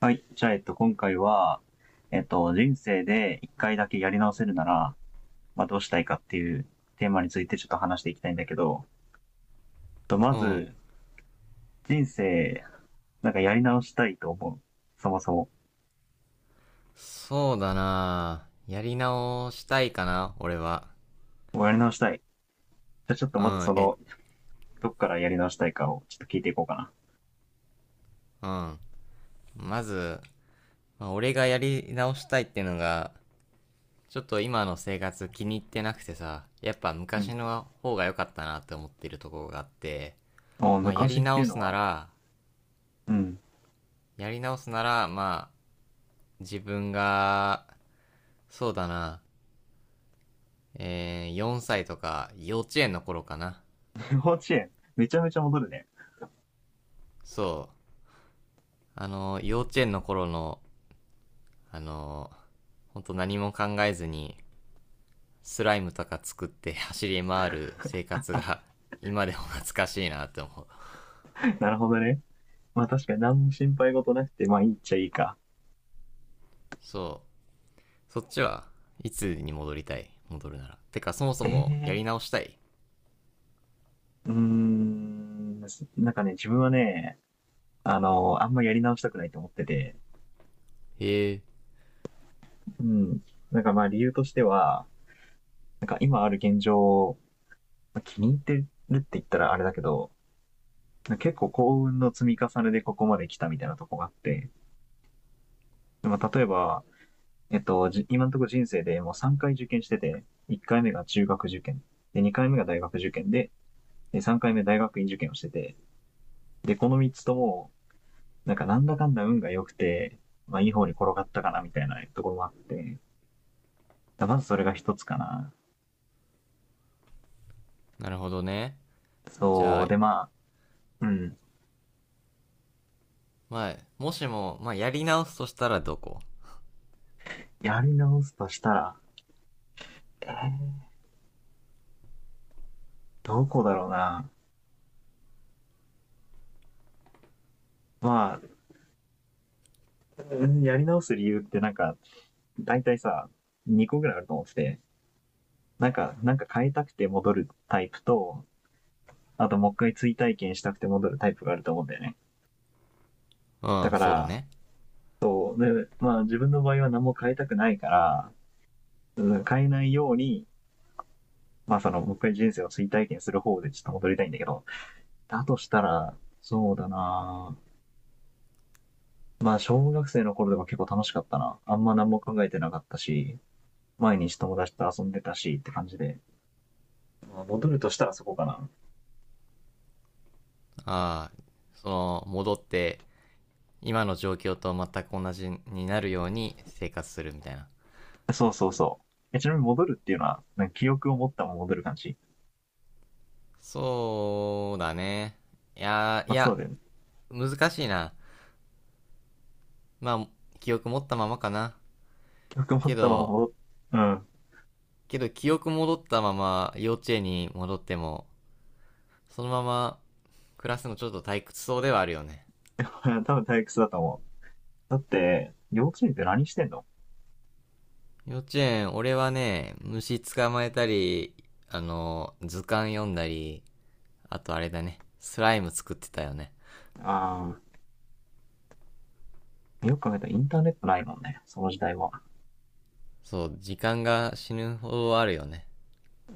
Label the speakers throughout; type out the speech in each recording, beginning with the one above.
Speaker 1: はい。じゃあ、今回は、人生で一回だけやり直せるなら、まあ、どうしたいかっていうテーマについてちょっと話していきたいんだけど、とま
Speaker 2: うん。
Speaker 1: ず、人生、なんかやり直したいと思う？そもそも。
Speaker 2: そうだな、やり直したいかな、俺は。
Speaker 1: もうやり直したい。じゃあ、ちょっと
Speaker 2: う
Speaker 1: まず
Speaker 2: ん、
Speaker 1: そ
Speaker 2: え、
Speaker 1: の、どっからやり直したいかをちょっと聞いていこうかな。
Speaker 2: うん。まず、まあ俺がやり直したいってのが、ちょっと今の生活気に入ってなくてさ、やっぱ
Speaker 1: うん。
Speaker 2: 昔の方が良かったなって思ってるところがあって、
Speaker 1: お
Speaker 2: まあや
Speaker 1: 昔
Speaker 2: り
Speaker 1: ってい
Speaker 2: 直
Speaker 1: う
Speaker 2: す
Speaker 1: の
Speaker 2: な
Speaker 1: は？
Speaker 2: ら、
Speaker 1: うん。
Speaker 2: やり直すなら、まあ、自分が、そうだな、4歳とか幼稚園の頃かな。
Speaker 1: 幼稚園。めちゃめちゃ戻るね。
Speaker 2: そう。あの、幼稚園の頃のあのー、本当何も考えずに、スライムとか作って走り回る生活が、今でも懐かしいなって思う。
Speaker 1: なるほどね。まあ、確かに何も心配事なくて、まあ、いいっちゃいいか。
Speaker 2: そう。そっちはいつに戻りたい、戻るなら。てか、そもそ
Speaker 1: え
Speaker 2: もやり
Speaker 1: え
Speaker 2: 直したい、
Speaker 1: ー。うーん。なんかね、自分はね、あんまやり直したくないと思ってて、
Speaker 2: へえ、
Speaker 1: うん。なんかまあ理由としては、なんか今ある現状、気に入ってるって言ったらあれだけど、結構幸運の積み重ねでここまで来たみたいなとこがあって、まあ例えば、今のところ人生でもう3回受験してて、1回目が中学受験、で、2回目が大学受験で、3回目大学院受験をしてて、で、この3つとも、なんかなんだかんだ運が良くて、まあいい方に転がったかなみたいなところもあって、まずそれが一つかな。
Speaker 2: なるほどね。じゃ
Speaker 1: そ
Speaker 2: あ、
Speaker 1: う、でまあ、うん、
Speaker 2: まあ、もしも、まあ、やり直すとしたらどこ？
Speaker 1: やり直すとしたら、えーどこだろうな。まあ、うんやり直す理由ってなんか、大体さ、2個ぐらいあると思ってて、なんか変えたくて戻るタイプと、あともう一回追体験したくて戻るタイプがあると思うんだよね。
Speaker 2: う
Speaker 1: だ
Speaker 2: ん、
Speaker 1: か
Speaker 2: そうだ
Speaker 1: ら、
Speaker 2: ね。
Speaker 1: こうでまあ自分の場合は何も変えたくないから、うん変えないように、まあその、もう一回人生を追体験する方でちょっと戻りたいんだけど、だとしたら、そうだなぁまあ、小学生の頃でも結構楽しかったな。あんま何も考えてなかったし、毎日友達と遊んでたしって感じで。まあ戻るとしたらそこかな。
Speaker 2: ああ、その、戻って、今の状況と全く同じになるように生活するみたいな。
Speaker 1: そうそうそう。ちなみに戻るっていうのは、なんか記憶を持ったまま戻る感じ？
Speaker 2: そうだね。いやー、
Speaker 1: ま
Speaker 2: い
Speaker 1: あ、そう
Speaker 2: や、
Speaker 1: だよね。
Speaker 2: 難しいな。まあ、記憶持ったままかな。
Speaker 1: 記憶を持
Speaker 2: け
Speaker 1: ったまま
Speaker 2: ど、
Speaker 1: 戻っ、うん。
Speaker 2: けど記憶戻ったまま幼稚園に戻っても、そのまま暮らすのちょっと退屈そうではあるよね。
Speaker 1: 多分退屈だと思う。だって、幼稚園って何してんの？
Speaker 2: 幼稚園、俺はね、虫捕まえたり、あの、図鑑読んだり、あとあれだね、スライム作ってたよね。
Speaker 1: ああ、よく考えたらインターネットないもんね。その時代は。
Speaker 2: そう、時間が死ぬほどあるよね。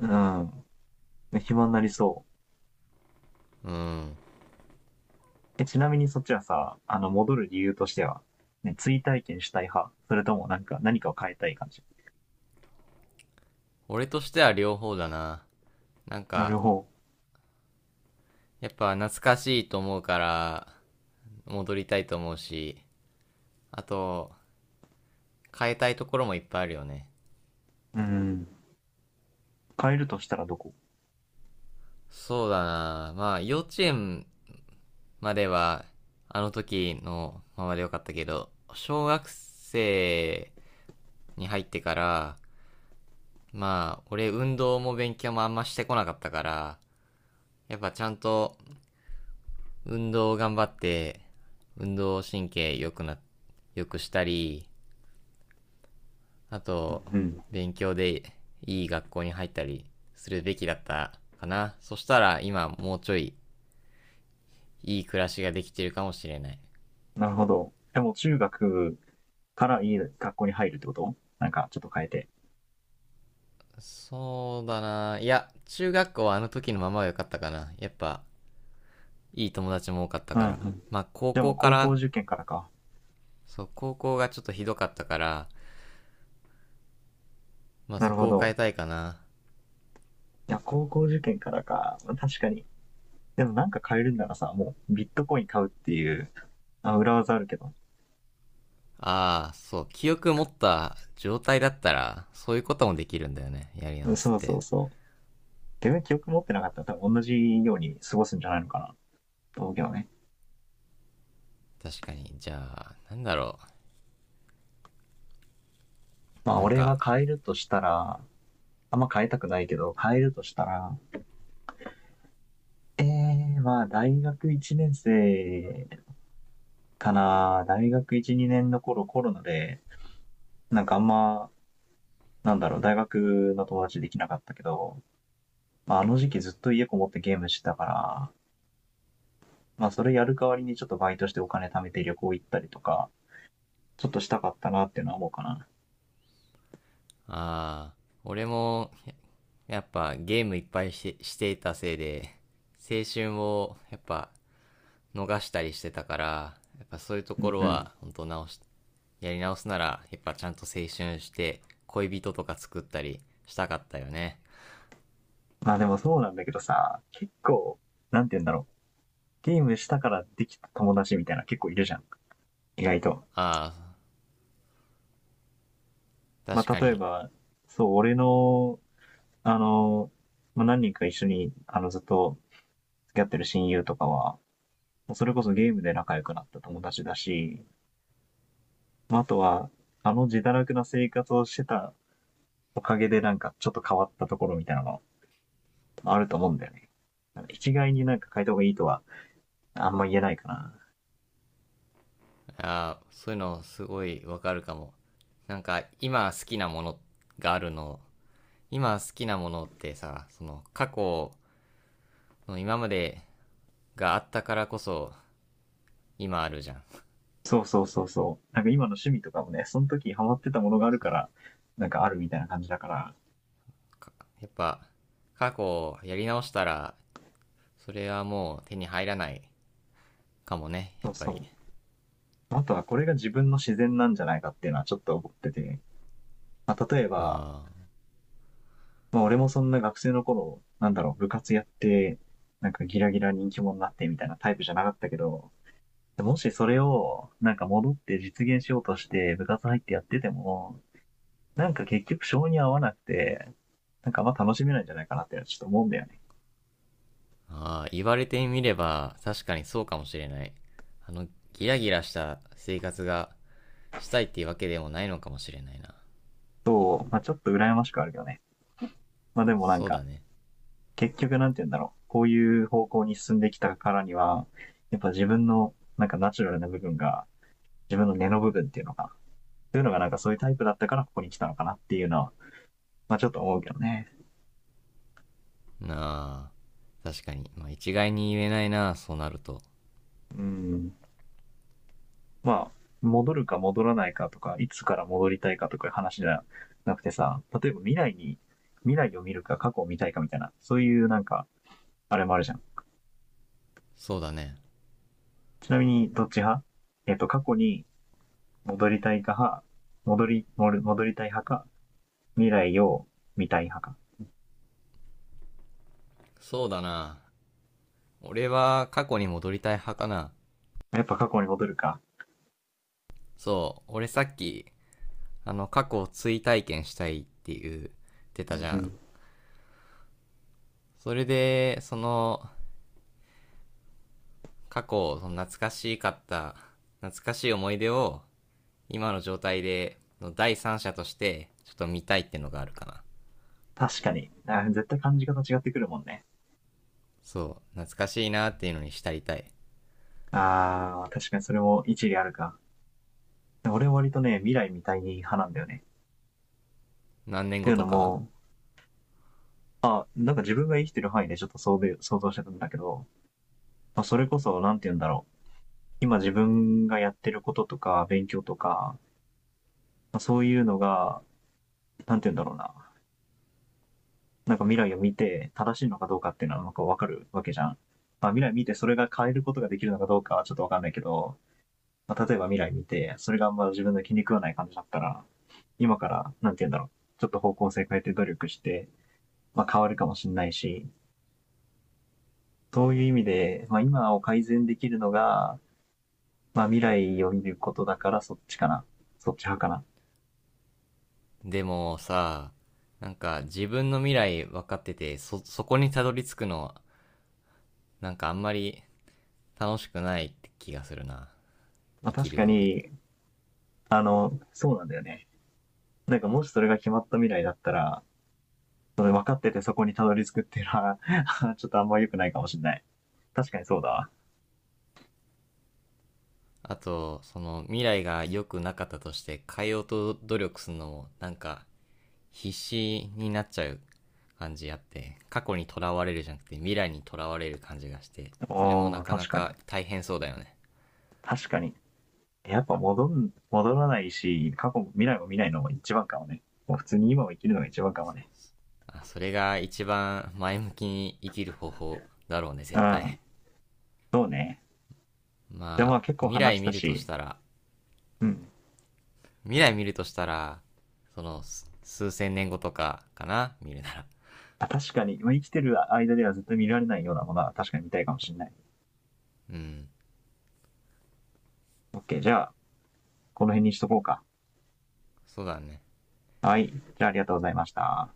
Speaker 1: うん。暇になりそう。
Speaker 2: うん。
Speaker 1: ちなみにそっちはさ、戻る理由としては、ね、追体験したい派それともなんか、何かを変えたい感じ？
Speaker 2: 俺としては両方だな。なん
Speaker 1: なる
Speaker 2: か、
Speaker 1: ほ
Speaker 2: やっぱ懐かしいと思うから、戻りたいと思うし、あと、変えたいところもいっぱいあるよね。
Speaker 1: ど。うん。変えるとしたらどこ？
Speaker 2: そうだな、まあ、幼稚園までは、あの時のままでよかったけど、小学生に入ってから、まあ、俺運動も勉強もあんましてこなかったから、やっぱちゃんと運動を頑張って、運動神経良くな、良くしたり、あと、
Speaker 1: うん。
Speaker 2: 勉強でいい学校に入ったりするべきだったかな。そしたら今もうちょいいい暮らしができてるかもしれない。
Speaker 1: なるほど。でも中学からいい学校に入るってことなんか、ちょっと変えて。
Speaker 2: そうだな。いや、中学校はあの時のままは良かったかな。やっぱ、いい友達も多かった
Speaker 1: うん
Speaker 2: か
Speaker 1: う
Speaker 2: ら。
Speaker 1: ん。
Speaker 2: まあ、高
Speaker 1: で、も
Speaker 2: 校
Speaker 1: う
Speaker 2: か
Speaker 1: 高校
Speaker 2: ら、
Speaker 1: 受験からか。
Speaker 2: そう、高校がちょっとひどかったから、まあ、
Speaker 1: な
Speaker 2: そ
Speaker 1: るほ
Speaker 2: こを変
Speaker 1: ど。
Speaker 2: えたいかな。
Speaker 1: いや、高校受験からか。確かに。でもなんか変えるんならさ、もうビットコイン買うっていう、あ、裏技あるけど。
Speaker 2: ああ、そう、記憶持った状態だったら、そういうこともできるんだよね、やり直す
Speaker 1: そ
Speaker 2: っ
Speaker 1: うそ
Speaker 2: て。
Speaker 1: うそう。自分記憶持ってなかったら多分同じように過ごすんじゃないのかな。道京をね。
Speaker 2: 確かに。じゃあ、なんだろ
Speaker 1: ま
Speaker 2: う。
Speaker 1: あ、
Speaker 2: なん
Speaker 1: 俺が
Speaker 2: か、
Speaker 1: 変えるとしたら、あんま変えたくないけど、変えるとしたら、まあ、大学1年生かな。大学1、2年の頃コロナで、なんかあんま、なんだろう、大学の友達できなかったけど、まあ、あの時期ずっと家こもってゲームしてたから、まあ、それやる代わりにちょっとバイトしてお金貯めて旅行行ったりとか、ちょっとしたかったなっていうのは思うかな。
Speaker 2: ああ、俺も、やっぱゲームいっぱいして、していたせいで、青春をやっぱ逃したりしてたから、やっぱそういうと
Speaker 1: う
Speaker 2: こ
Speaker 1: ん
Speaker 2: ろ
Speaker 1: うん。
Speaker 2: は、本当直し、やり直すなら、やっぱちゃんと青春して、恋人とか作ったりしたかったよね。
Speaker 1: まあでもそうなんだけどさ、結構、なんて言うんだろう。ゲームしたからできた友達みたいな結構いるじゃん。意外と。
Speaker 2: ああ、
Speaker 1: ま
Speaker 2: 確
Speaker 1: あ、
Speaker 2: か
Speaker 1: 例え
Speaker 2: に。
Speaker 1: ば、そう、俺の、あの、まあ、何人か一緒に、ずっと付き合ってる親友とかは、それこそゲームで仲良くなった友達だし、まあ、あとは、あの自堕落な生活をしてたおかげでなんかちょっと変わったところみたいなのあると思うんだよね。一概になんか変えた方がいいとはあんま言えないかな。
Speaker 2: ああ、そういうのすごいわかるかも。なんか、今好きなものがあるの、今好きなものってさ、その過去の今までがあったからこそ今あるじゃん。
Speaker 1: そうそうそうそう。なんか今の趣味とかもね、その時ハマってたものがある
Speaker 2: そ
Speaker 1: か
Speaker 2: う。
Speaker 1: ら、なんかあるみたいな感じだから、
Speaker 2: やっぱ、過去をやり直したら、それはもう手に入らないかもね、
Speaker 1: そ
Speaker 2: やっ
Speaker 1: う
Speaker 2: ぱり。
Speaker 1: そう。あとはこれが自分の自然なんじゃないかっていうのはちょっと思ってて、まあ、例えば、
Speaker 2: あ
Speaker 1: まあ、俺もそんな学生の頃、なんだろう、部活やって、なんかギラギラ人気者になってみたいなタイプじゃなかったけど、もしそれをなんか戻って実現しようとして部活入ってやってても、なんか結局性に合わなくて、なんかあんま楽しめないんじゃないかなってちょっと思うんだよね。
Speaker 2: ーあ、言われてみれば確かにそうかもしれない。あの、ギラギラした生活がしたいっていうわけでもないのかもしれないな。
Speaker 1: そう、まあちょっと羨ましくはあるけどね。まあでもなん
Speaker 2: そう
Speaker 1: か、
Speaker 2: だね。
Speaker 1: 結局なんて言うんだろう、こういう方向に進んできたからには、やっぱ自分のなんかナチュラルな部分が、自分の根の部分っていうのが、そういうのがなんかそういうタイプだったからここに来たのかなっていうのは、まあちょっと思うけどね。
Speaker 2: なあ、確かに。まあ一概に言えないな、そうなると。
Speaker 1: うん。まあ、戻るか戻らないかとか、いつから戻りたいかとかいう話じゃなくてさ、例えば未来に、未来を見るか過去を見たいかみたいな、そういうなんか、あれもあるじゃん。
Speaker 2: そうだね。
Speaker 1: ちなみにどっち派？過去に戻りたいか派、戻りたい派か、未来を見たい派か。
Speaker 2: そうだな。俺は過去に戻りたい派かな。
Speaker 1: やっぱ過去に戻るか。
Speaker 2: そう、俺さっきあの、過去を追体験したいって言って
Speaker 1: う
Speaker 2: たじ
Speaker 1: ん
Speaker 2: ゃ
Speaker 1: う
Speaker 2: ん。
Speaker 1: ん。
Speaker 2: それで、その、過去、その懐かしかった、懐かしい思い出を、今の状態で、の第三者として、ちょっと見たいってのがあるかな。
Speaker 1: 確かに。あ、絶対感じ方違ってくるもんね。
Speaker 2: そう、懐かしいなっていうのに浸りたい。
Speaker 1: ああ、確かにそれも一理あるか。俺は割とね、未来みたい派なんだよね。っ
Speaker 2: 何年
Speaker 1: てい
Speaker 2: 後
Speaker 1: う
Speaker 2: と
Speaker 1: の
Speaker 2: か？
Speaker 1: も、なんか自分が生きてる範囲でちょっと想像してたんだけど、まあ、それこそ、なんて言うんだろう。今自分がやってることとか、勉強とか、まあ、そういうのが、なんて言うんだろうな。なんか未来を見て正しいのかどうかっていうのはなんかわかるわけじゃん。まあ未来見てそれが変えることができるのかどうかはちょっとわかんないけど、まあ、例えば未来見て、それがあんま自分の気に食わない感じだったら、今から、なんて言うんだろう、ちょっと方向性変えて努力して、まあ、変わるかもしれないし、そういう意味で、まあ、今を改善できるのが、まあ、未来を見ることだからそっちかな。そっち派かな。
Speaker 2: でもさ、なんか自分の未来分かってて、そ、そこにたどり着くのは、なんかあんまり楽しくないって気がするな。
Speaker 1: まあ、
Speaker 2: 生き
Speaker 1: 確
Speaker 2: る
Speaker 1: か
Speaker 2: 上で。
Speaker 1: に、そうなんだよね。なんかもしそれが決まった未来だったら、それ分かっててそこにたどり着くっていうのは、ちょっとあんま良くないかもしれない。確かにそうだ。
Speaker 2: あと、その未来が良くなかったとして変えようと努力するのもなんか必死になっちゃう感じあって、過去にとらわれるじゃなくて未来にとらわれる感じがして、それも
Speaker 1: あ
Speaker 2: な
Speaker 1: あ、
Speaker 2: かな
Speaker 1: 確かに。
Speaker 2: か大変そうだよね。
Speaker 1: 確かに。やっぱ戻らないし、過去も未来も見ないのも一番かもね。もう普通に今を生きるのが一番かもね。
Speaker 2: あ、それが一番前向きに生きる方法だろうね、
Speaker 1: う
Speaker 2: 絶
Speaker 1: ん。
Speaker 2: 対。
Speaker 1: そうね。でもま
Speaker 2: ま
Speaker 1: あ
Speaker 2: あ、
Speaker 1: 結構
Speaker 2: 未
Speaker 1: 話
Speaker 2: 来
Speaker 1: し
Speaker 2: 見
Speaker 1: た
Speaker 2: ると
Speaker 1: し、
Speaker 2: したら、
Speaker 1: うん。
Speaker 2: 未来見るとしたら、その、数千年後とかかな、見るなら。
Speaker 1: あ、確かに、まあ、生きてる間では絶対見られないようなものは確かに見たいかもしれない。
Speaker 2: うん、
Speaker 1: OK。じゃあ、この辺にしとこうか。
Speaker 2: そうだね。
Speaker 1: はい。じゃあありがとうございました。